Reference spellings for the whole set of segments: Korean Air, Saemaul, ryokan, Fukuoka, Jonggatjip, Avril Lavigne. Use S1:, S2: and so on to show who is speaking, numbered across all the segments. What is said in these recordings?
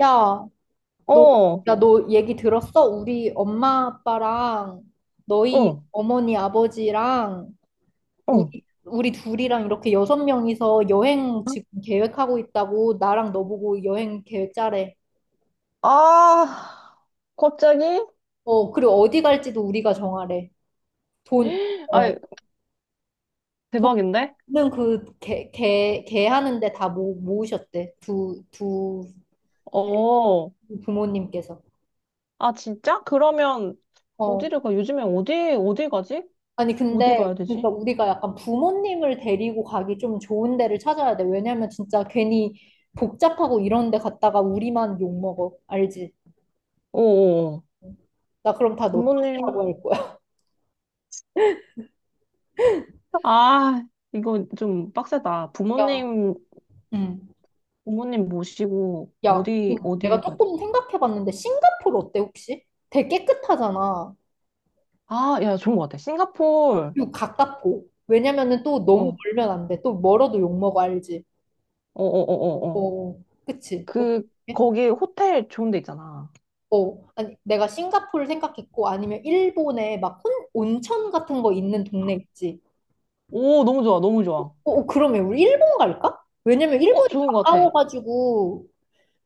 S1: 야, 너,
S2: 어,
S1: 야, 너 얘기 들었어? 우리 엄마 아빠랑 너희
S2: 어,
S1: 어머니 아버지랑
S2: 어.
S1: 우리 둘이랑 이렇게 여섯 명이서 여행 지금 계획하고 있다고 나랑 너 보고 여행 계획 짜래.
S2: 아, 갑자기?
S1: 어, 그리고 어디 갈지도 우리가 정하래. 돈, 어,
S2: 아, 대박인데?
S1: 돈은 그 개 하는데 다 모으셨대. 두
S2: 어,
S1: 부모님께서.
S2: 아, 진짜? 그러면,
S1: 어,
S2: 어디를 가? 요즘에 어디, 어디 가지?
S1: 아니,
S2: 어디
S1: 근데,
S2: 가야
S1: 그러니까
S2: 되지?
S1: 우리가 약간 부모님을 데리고 가기 좀 좋은 데를 찾아야 돼. 왜냐면 진짜 괜히 복잡하고 이런 데 갔다가 우리만 욕먹어. 알지?
S2: 어, 어, 어.
S1: 나 그럼 다 너
S2: 부모님,
S1: 탓이라고 할 거야.
S2: 아, 이거 좀 빡세다.
S1: 야,
S2: 부모님,
S1: 응.
S2: 부모님 모시고,
S1: 야,
S2: 어디,
S1: 근데 내가
S2: 어디를 가야 돼?
S1: 조금 생각해봤는데, 싱가포르 어때, 혹시? 되게 깨끗하잖아.
S2: 아, 야, 좋은 것 같아. 싱가포르,
S1: 그리고 가깝고. 왜냐면은 또
S2: 어,
S1: 너무
S2: 어,
S1: 멀면 안 돼. 또 멀어도 욕먹어, 알지?
S2: 어, 어, 어, 어.
S1: 어, 그치? 어,
S2: 그, 거기 호텔 좋은 데 있잖아.
S1: 어, 아니, 내가 싱가포르 생각했고, 아니면 일본에 막 온천 같은 거 있는 동네 있지.
S2: 오, 너무 좋아, 너무
S1: 어,
S2: 좋아.
S1: 어, 그러면 우리 일본 갈까? 왜냐면
S2: 어,
S1: 일본이
S2: 좋은 것 같아.
S1: 가까워가지고,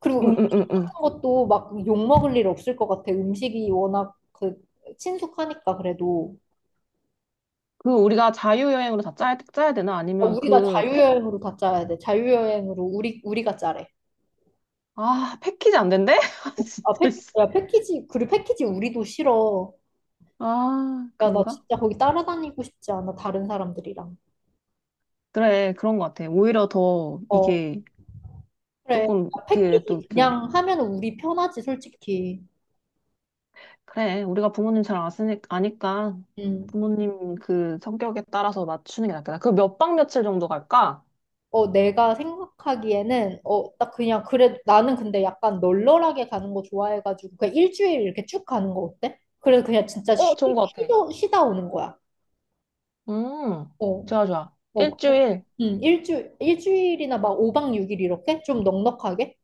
S1: 그리고
S2: 응,
S1: 음식
S2: 응, 응,
S1: 같은
S2: 응.
S1: 것도 막 욕 먹을 일 없을 것 같아. 음식이 워낙 그 친숙하니까 그래도.
S2: 그 우리가 자유여행으로 다 짜야 되나?
S1: 아,
S2: 아니면
S1: 우리가
S2: 그 팩,
S1: 자유여행으로 다 짜야 돼. 자유여행으로 우리가 짜래.
S2: 아, 패키지 안 된대? 아,
S1: 어, 아,
S2: 진짜. 씨.
S1: 야, 패키지, 그리고 패키지 우리도 싫어.
S2: 아,
S1: 야, 나
S2: 그런가?
S1: 진짜 거기 따라다니고 싶지 않아, 다른 사람들이랑.
S2: 그래, 그런 것 같아. 오히려 더
S1: 어,
S2: 이게
S1: 그래.
S2: 조금 그, 또
S1: 패키지
S2: 그,
S1: 그냥 하면 우리 편하지, 솔직히.
S2: 그래, 우리가 부모님 잘 아니까
S1: 음.
S2: 부모님 그 성격에 따라서 맞추는 게 낫겠다. 그 몇 박 며칠 정도 갈까?
S1: 어, 내가 생각하기에는, 딱 그냥, 그래, 나는 근데 약간 널널하게 가는 거 좋아해가지고, 그냥 일주일 이렇게 쭉 가는 거 어때? 그래서 그냥 진짜
S2: 어, 좋은 것 같아.
S1: 쉬다 오는 거야.
S2: 음,
S1: 어,
S2: 좋아, 좋아.
S1: 어,
S2: 일주일.
S1: 일주일이나 막 5박 6일 이렇게? 좀 넉넉하게?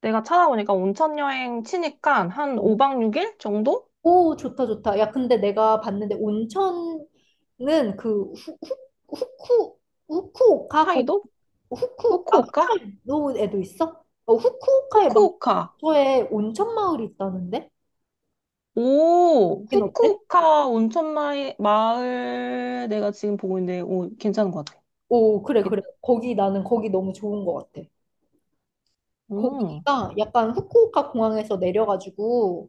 S2: 내가 찾아보니까 온천 여행 치니까 한 오
S1: 어.
S2: 박 육일 정도?
S1: 오, 좋다, 좋다. 야, 근데 내가 봤는데, 온천은 그, 후, 후, 후쿠, 후쿠오카
S2: 차이도?
S1: 후쿠 아
S2: 후쿠오카?
S1: 홋카이도에도 있어? 어, 후쿠오카에 막
S2: 후쿠오카.
S1: 저에 온천 마을이 있다는데?
S2: 오,
S1: 거긴 어때?
S2: 후쿠오카 온천 마을, 마을 내가 지금 보고 있는데, 오, 괜찮은 것 같아.
S1: 오, 그래 그래,
S2: 괜찮-
S1: 거기 나는 거기 너무 좋은 것 같아.
S2: 음,
S1: 거기가 약간 후쿠오카 공항에서 내려가지고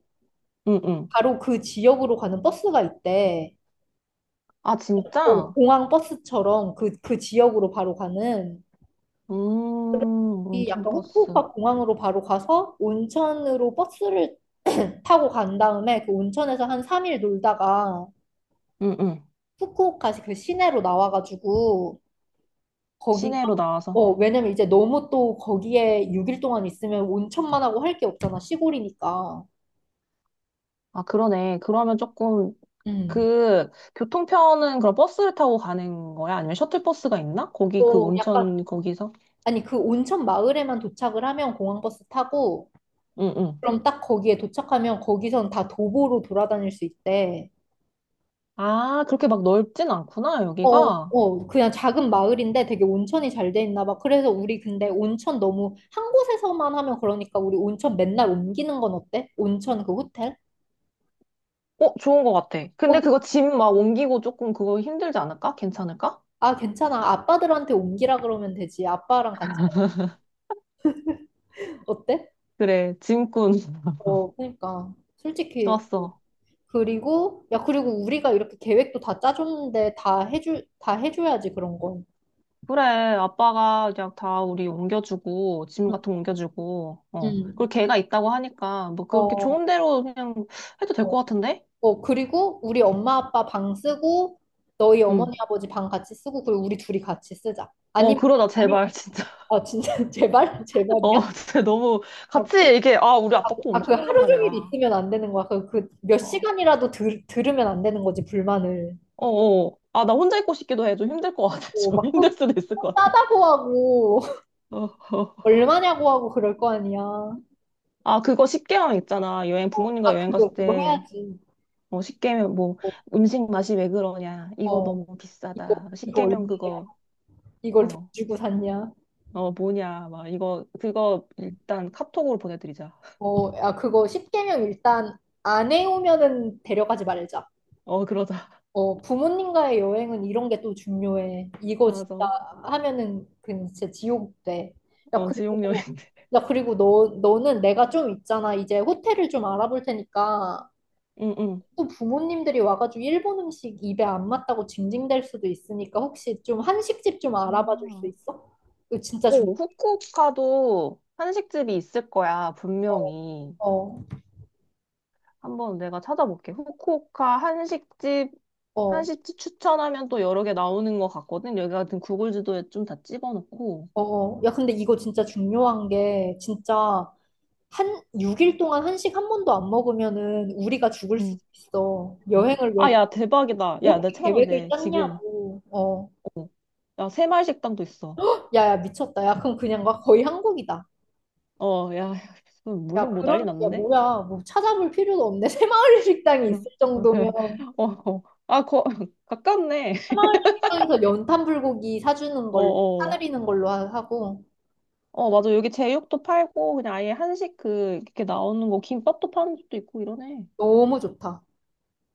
S2: 응, 응.
S1: 바로 그 지역으로 가는 버스가 있대.
S2: 아,
S1: 오,
S2: 진짜?
S1: 공항 버스처럼 그 지역으로 바로 가는,
S2: 음,
S1: 이
S2: 온천
S1: 약간
S2: 버스.
S1: 후쿠오카 공항으로 바로 가서 온천으로 버스를 타고 간 다음에 그 온천에서 한 3일 놀다가
S2: 응, 응.
S1: 후쿠오카시 그 시내로 나와가지고 거기.
S2: 시내로 나와서.
S1: 어, 왜냐면 이제 너무 또 거기에 6일 동안 있으면 온천만 하고 할 게 없잖아, 시골이니까.
S2: 아, 그러네. 그러면 조금,
S1: 음.
S2: 그, 교통편은 그럼 버스를 타고 가는 거야? 아니면 셔틀버스가 있나? 거기 그
S1: 또 약간,
S2: 온천, 거기서?
S1: 아니, 그 온천 마을에만 도착을 하면 공항버스 타고,
S2: 응, 응.
S1: 그럼 딱 거기에 도착하면 거기선 다 도보로 돌아다닐 수 있대.
S2: 아, 그렇게 막 넓진 않구나,
S1: 어.
S2: 여기가.
S1: 어, 그냥 작은 마을인데 되게 온천이 잘 돼 있나 봐. 그래서 우리 근데 온천 너무 한 곳에서만 하면 그러니까 우리 온천 맨날 옮기는 건 어때? 온천 그 호텔?
S2: 어, 좋은 것 같아.
S1: 어,
S2: 근데 그거 짐 막 옮기고 조금 그거 힘들지 않을까? 괜찮을까?
S1: 아, 괜찮아. 아빠들한테 옮기라 그러면 되지. 아빠랑 같이. 어때?
S2: 그래, 짐꾼.
S1: 어, 그러니까. 솔직히.
S2: 좋았어.
S1: 그리고, 야, 그리고 우리가 이렇게 계획도 다 짜줬는데 다 해줘야지, 그런 건.
S2: 그래, 아빠가 그냥 다 우리 옮겨주고, 짐
S1: 응.
S2: 같은 거 옮겨주고, 어. 그리고
S1: 응.
S2: 걔가 있다고 하니까, 뭐 그렇게
S1: 어,
S2: 좋은 대로 그냥 해도 될
S1: 어,
S2: 것 같은데?
S1: 어, 그리고 우리 엄마 아빠 방 쓰고, 너희
S2: 응.
S1: 어머니 아버지 방 같이 쓰고, 그리고 우리 둘이 같이 쓰자.
S2: 어,
S1: 아니면,
S2: 그러자,
S1: 아니면,
S2: 제발, 진짜.
S1: 아, 진짜, 제발?
S2: 어,
S1: 제발이야?
S2: 진짜 너무,
S1: 어, 그래?
S2: 같이 이게, 아, 우리
S1: 아,
S2: 아빠 코
S1: 아, 그
S2: 엄청 곤단
S1: 하루 종일
S2: 말이야.
S1: 있으면 안 되는 거야. 그 몇
S2: 어,
S1: 시간이라도 들으면 안 되는 거지, 불만을.
S2: 어, 어. 아, 나 혼자 있고 싶기도 해. 좀 힘들 것 같아.
S1: 어,
S2: 좀 힘들
S1: 막또
S2: 수도 있을 것 같아.
S1: 싸다고 하고
S2: 어, 어.
S1: 얼마냐고 하고 그럴 거 아니야. 어,
S2: 아, 그거 십계개월 있잖아. 여행, 부모님과
S1: 아,
S2: 여행
S1: 그거
S2: 갔을
S1: 그거
S2: 때,
S1: 해야지.
S2: 어, 십0개면 뭐,
S1: 어,
S2: 음식 맛이 왜 그러냐. 이거
S1: 어,
S2: 너무
S1: 이거
S2: 비싸다. 십
S1: 이거
S2: 계개면
S1: 얼마야?
S2: 그거,
S1: 이걸 돈
S2: 어,
S1: 주고 샀냐?
S2: 어, 뭐냐. 막, 이거, 그거 일단 카톡으로 보내드리자.
S1: 어, 야, 그거 십 개명 일단 안 해오면은 데려가지 말자.
S2: 어, 그러자.
S1: 어, 부모님과의 여행은 이런 게 또 중요해. 이거 진짜
S2: 맞아.
S1: 하면은 그 진짜 지옥 돼. 야
S2: 어, 지옥
S1: 그리고
S2: 여행들.
S1: 야, 그리고 너 너는 내가 좀 있잖아. 이제 호텔을 좀 알아볼 테니까
S2: 응, 응.
S1: 또 부모님들이 와가지고 일본 음식 입에 안 맞다고 징징댈 수도 있으니까 혹시 좀 한식집 좀 알아봐 줄 수
S2: 아.
S1: 있어? 이거 진짜 중,
S2: 오, 후쿠오카도 한식집이 있을 거야,
S1: 어,
S2: 분명히.
S1: 어,
S2: 한번 내가 찾아볼게. 후쿠오카 한식집
S1: 어,
S2: 한시집 추천하면 또 여러 개 나오는 것 같거든. 여기 같은 구글 지도에 좀 다 찍어놓고.
S1: 어. 어. 야, 근데 이거 진짜 중요한 게 진짜 한 6일 동안 한식 한 번도 안 먹으면은 우리가 죽을
S2: 음.
S1: 수도 있어. 여행을
S2: 아,
S1: 왜
S2: 야, 대박이다. 야, 나
S1: 그렇게
S2: 찾아봐도
S1: 계획을
S2: 돼, 지금.
S1: 짰냐고. 어.
S2: 어. 야, 새마을식당도 있어.
S1: 야, 야, 미쳤다. 야, 그럼 그냥 막 거의 한국이다.
S2: 어, 야,
S1: 야,
S2: 무슨 뭐 난리
S1: 그럼, 야,
S2: 났는데?
S1: 뭐야. 뭐 찾아볼 필요도 없네. 새마을 식당이 있을 정도면.
S2: 어, 어. 아, 거, 가깝네.
S1: 사마을 시장에서 연탄 불고기 사주는
S2: 어,
S1: 걸
S2: 어.
S1: 사드리는 걸로 하고.
S2: 어, 맞아. 여기 제육도 팔고, 그냥 아예 한식 그, 이렇게 나오는 거, 김밥도 파는 집도 있고 이러네.
S1: 너무 좋다.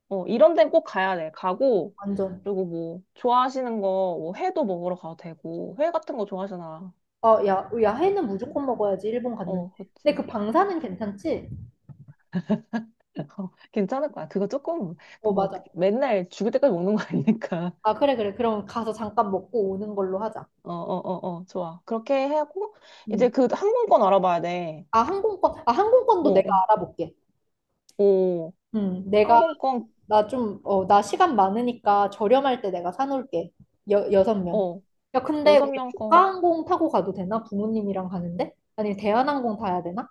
S2: 어, 이런 데는 꼭 가야 돼. 가고,
S1: 완전.
S2: 그리고 뭐, 좋아하시는 거, 뭐, 회도 먹으러 가도 되고, 회 같은 거 좋아하잖아.
S1: 아, 야, 야해는 무조건 먹어야지 일본 갔는데.
S2: 어,
S1: 근데 그
S2: 그치. 아,
S1: 방사는
S2: 초밥.
S1: 괜찮지?
S2: 어, 괜찮을 거야. 그거 조금,
S1: 어,
S2: 그 뭐가, 그-
S1: 맞아.
S2: 맨날 죽을 때까지 먹는 거 아니니까.
S1: 아, 그래 그래. 그럼 가서 잠깐 먹고 오는 걸로 하자.
S2: 어, 어, 어, 어, 좋아. 그렇게 하고, 이제
S1: 음.
S2: 그 항공권 알아봐야 돼.
S1: 아, 항공권. 아, 항공권도 내가
S2: 어,
S1: 알아볼게.
S2: 어, 어.
S1: 내가
S2: 항공권,
S1: 나 좀, 어, 나 시간 많으니까 저렴할 때 내가 사놓을게. 여섯 명.
S2: 어,
S1: 야, 근데
S2: 여섯
S1: 우리
S2: 명 거.
S1: 조가항공 타고 가도 되나? 부모님이랑 가는데? 아니, 대한항공 타야 되나?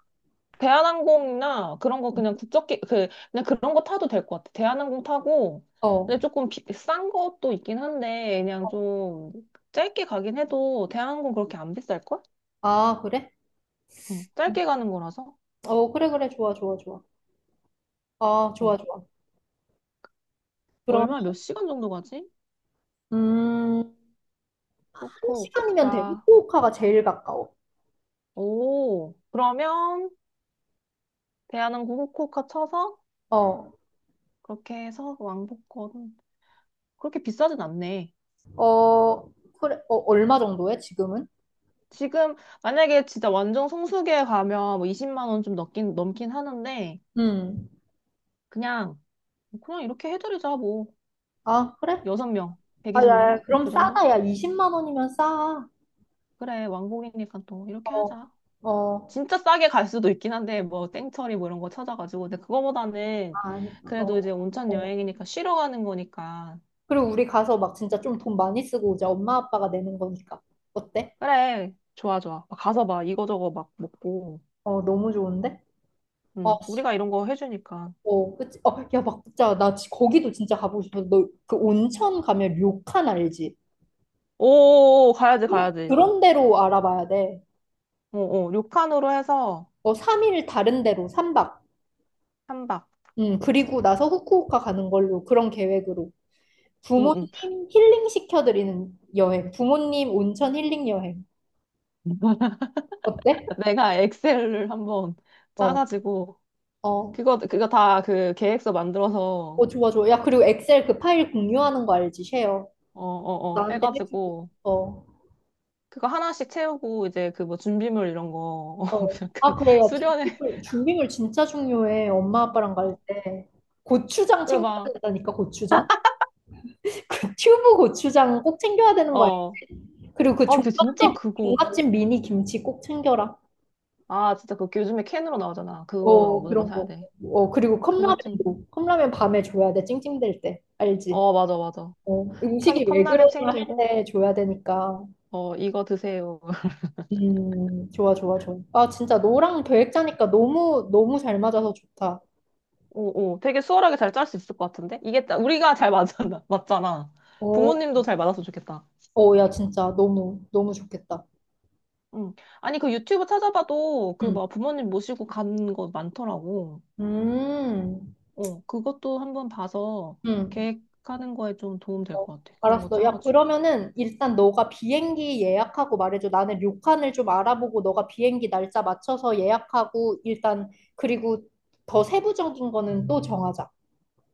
S2: 대한항공이나 그런 거 그냥 국적기 그 그냥 그런 거 타도 될 것 같아. 대한항공 타고
S1: 어.
S2: 근데 조금 비, 싼 것도 있긴 한데 그냥 좀 짧게 가긴 해도 대한항공 그렇게 안 비쌀 걸?
S1: 아, 그래?
S2: 어,
S1: 응.
S2: 짧게 가는 거라서
S1: 어, 그래, 그래. 좋아, 좋아, 좋아. 아, 좋아,
S2: 어,
S1: 좋아. 그러면,
S2: 얼마 몇 시간 정도 가지?
S1: 음, 한 시간이면
S2: 후쿠오카
S1: 돼. 후쿠오카가 제일 가까워.
S2: 오 그러면 대한항공 후쿠오카 쳐서
S1: 어,
S2: 그렇게 해서 왕복권 그렇게 비싸진 않네.
S1: 어, 그래. 어, 얼마 정도야, 지금은?
S2: 지금 만약에 진짜 완전 성수기에 가면 뭐 20만 원 좀 넘긴 하는데.
S1: 음.
S2: 그냥 뭐 그냥 이렇게 해드리자, 뭐.
S1: 아, 그래?
S2: 여섯 명
S1: 아,
S2: 120만
S1: 야, 야,
S2: 원? 뭐
S1: 그럼
S2: 그 정도?
S1: 싸다. 야, 20만 원이면 싸.
S2: 그래, 왕복이니까 또 이렇게
S1: 어,
S2: 하자.
S1: 어,
S2: 진짜 싸게 갈 수도 있긴 한데, 뭐, 땡처리 뭐 이런 거 찾아가지고. 근데 그거보다는
S1: 아니,
S2: 그래도
S1: 어,
S2: 이제 온천
S1: 어.
S2: 여행이니까 쉬러 가는 거니까.
S1: 그리고 우리 가서 막 진짜 좀 돈 많이 쓰고 오자. 엄마 아빠가 내는 거니까. 어때?
S2: 그래, 좋아, 좋아. 막 가서 막 이거저거 막 먹고.
S1: 어, 너무 좋은데?
S2: 응,
S1: 어,
S2: 우리가 이런 거 해주니까.
S1: 어, 그치? 어, 야, 막 진짜 나 거기도 진짜 가보고 싶어. 너 그 온천 가면 료칸 알지?
S2: 오, 가야지,
S1: 어,
S2: 가야지.
S1: 그런 데로 알아봐야 돼.
S2: 어, 어, 료칸으로 해서
S1: 어, 3일 다른 데로 3박.
S2: 한 박.
S1: 그리고 나서 후쿠오카 가는 걸로, 그런 계획으로.
S2: 응,
S1: 부모님
S2: 응.
S1: 힐링 시켜드리는 여행. 부모님 온천 힐링 여행. 어때?
S2: 내가 엑셀을 한번
S1: 어,
S2: 짜가지고
S1: 어,
S2: 그거 다 그 계획서 만들어서,
S1: 어, 좋아, 좋아. 야, 그리고 엑셀 그 파일 공유하는 거 알지? 쉐어.
S2: 어, 어, 어,
S1: 나한테 해주고.
S2: 해가지고,
S1: 어.
S2: 그거 하나씩 채우고, 이제 그 뭐 준비물 이런 거, 어,
S1: 어. 아,
S2: 약간
S1: 그래. 야,
S2: 수련회,
S1: 준비물, 준비물 진짜 중요해. 엄마 아빠랑 갈
S2: 어,
S1: 때. 고추장
S2: 그래 봐.
S1: 챙겨야 된다니까, 고추장. 그 튜브 고추장 꼭 챙겨야 되는 거야.
S2: 어.
S1: 그리고 그
S2: 아, 그 진짜
S1: 종갓집,
S2: 그거.
S1: 종갓집 미니 김치 꼭 챙겨라.
S2: 아, 진짜 그거 요즘에 캔으로 나오잖아. 그거
S1: 어,
S2: 무조건
S1: 그런
S2: 사야
S1: 거.
S2: 돼.
S1: 어, 그리고
S2: 그거 챙,
S1: 컵라면도. 컵라면 밤에 줘야 돼. 찡찡댈 때. 알지?
S2: 어, 맞아, 맞아.
S1: 어,
S2: 캔,
S1: 음식이 왜
S2: 컵라면
S1: 그러냐 할
S2: 챙기고,
S1: 때 줘야 되니까.
S2: 어, 이거 드세요.
S1: 좋아, 좋아, 좋아. 아, 진짜 너랑 계획 짜니까 너무, 너무 잘 맞아서 좋다.
S2: 오, 오. 되게 수월하게 잘 짤 수 있을 것 같은데? 이게, 딱 우리가 잘 맞잖아. 맞잖아.
S1: 어,
S2: 부모님도 잘 맞았으면 좋겠다.
S1: 어, 야, 진짜 너무, 너무 좋겠다.
S2: 응. 아니, 그 유튜브 찾아봐도 그
S1: 응,
S2: 뭐 부모님 모시고 간 거 많더라고.
S1: 음,
S2: 어, 그것도 한번 봐서
S1: 응.
S2: 계획하는 거에 좀 도움 될
S1: 어,
S2: 것 같아. 그런 거
S1: 알았어. 야,
S2: 짜가지고.
S1: 그러면은 일단 너가 비행기 예약하고 말해줘. 나는 료칸을 좀 알아보고 너가 비행기 날짜 맞춰서 예약하고 일단, 그리고 더 세부적인 거는 또 정하자.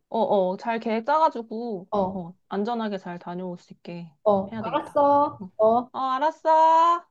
S2: 어, 어, 잘 계획 짜가지고,
S1: 어,
S2: 어, 안전하게 잘 다녀올 수 있게
S1: 어,
S2: 해야 되겠다.
S1: 알았어.
S2: 응.
S1: 어.
S2: 어, 알았어.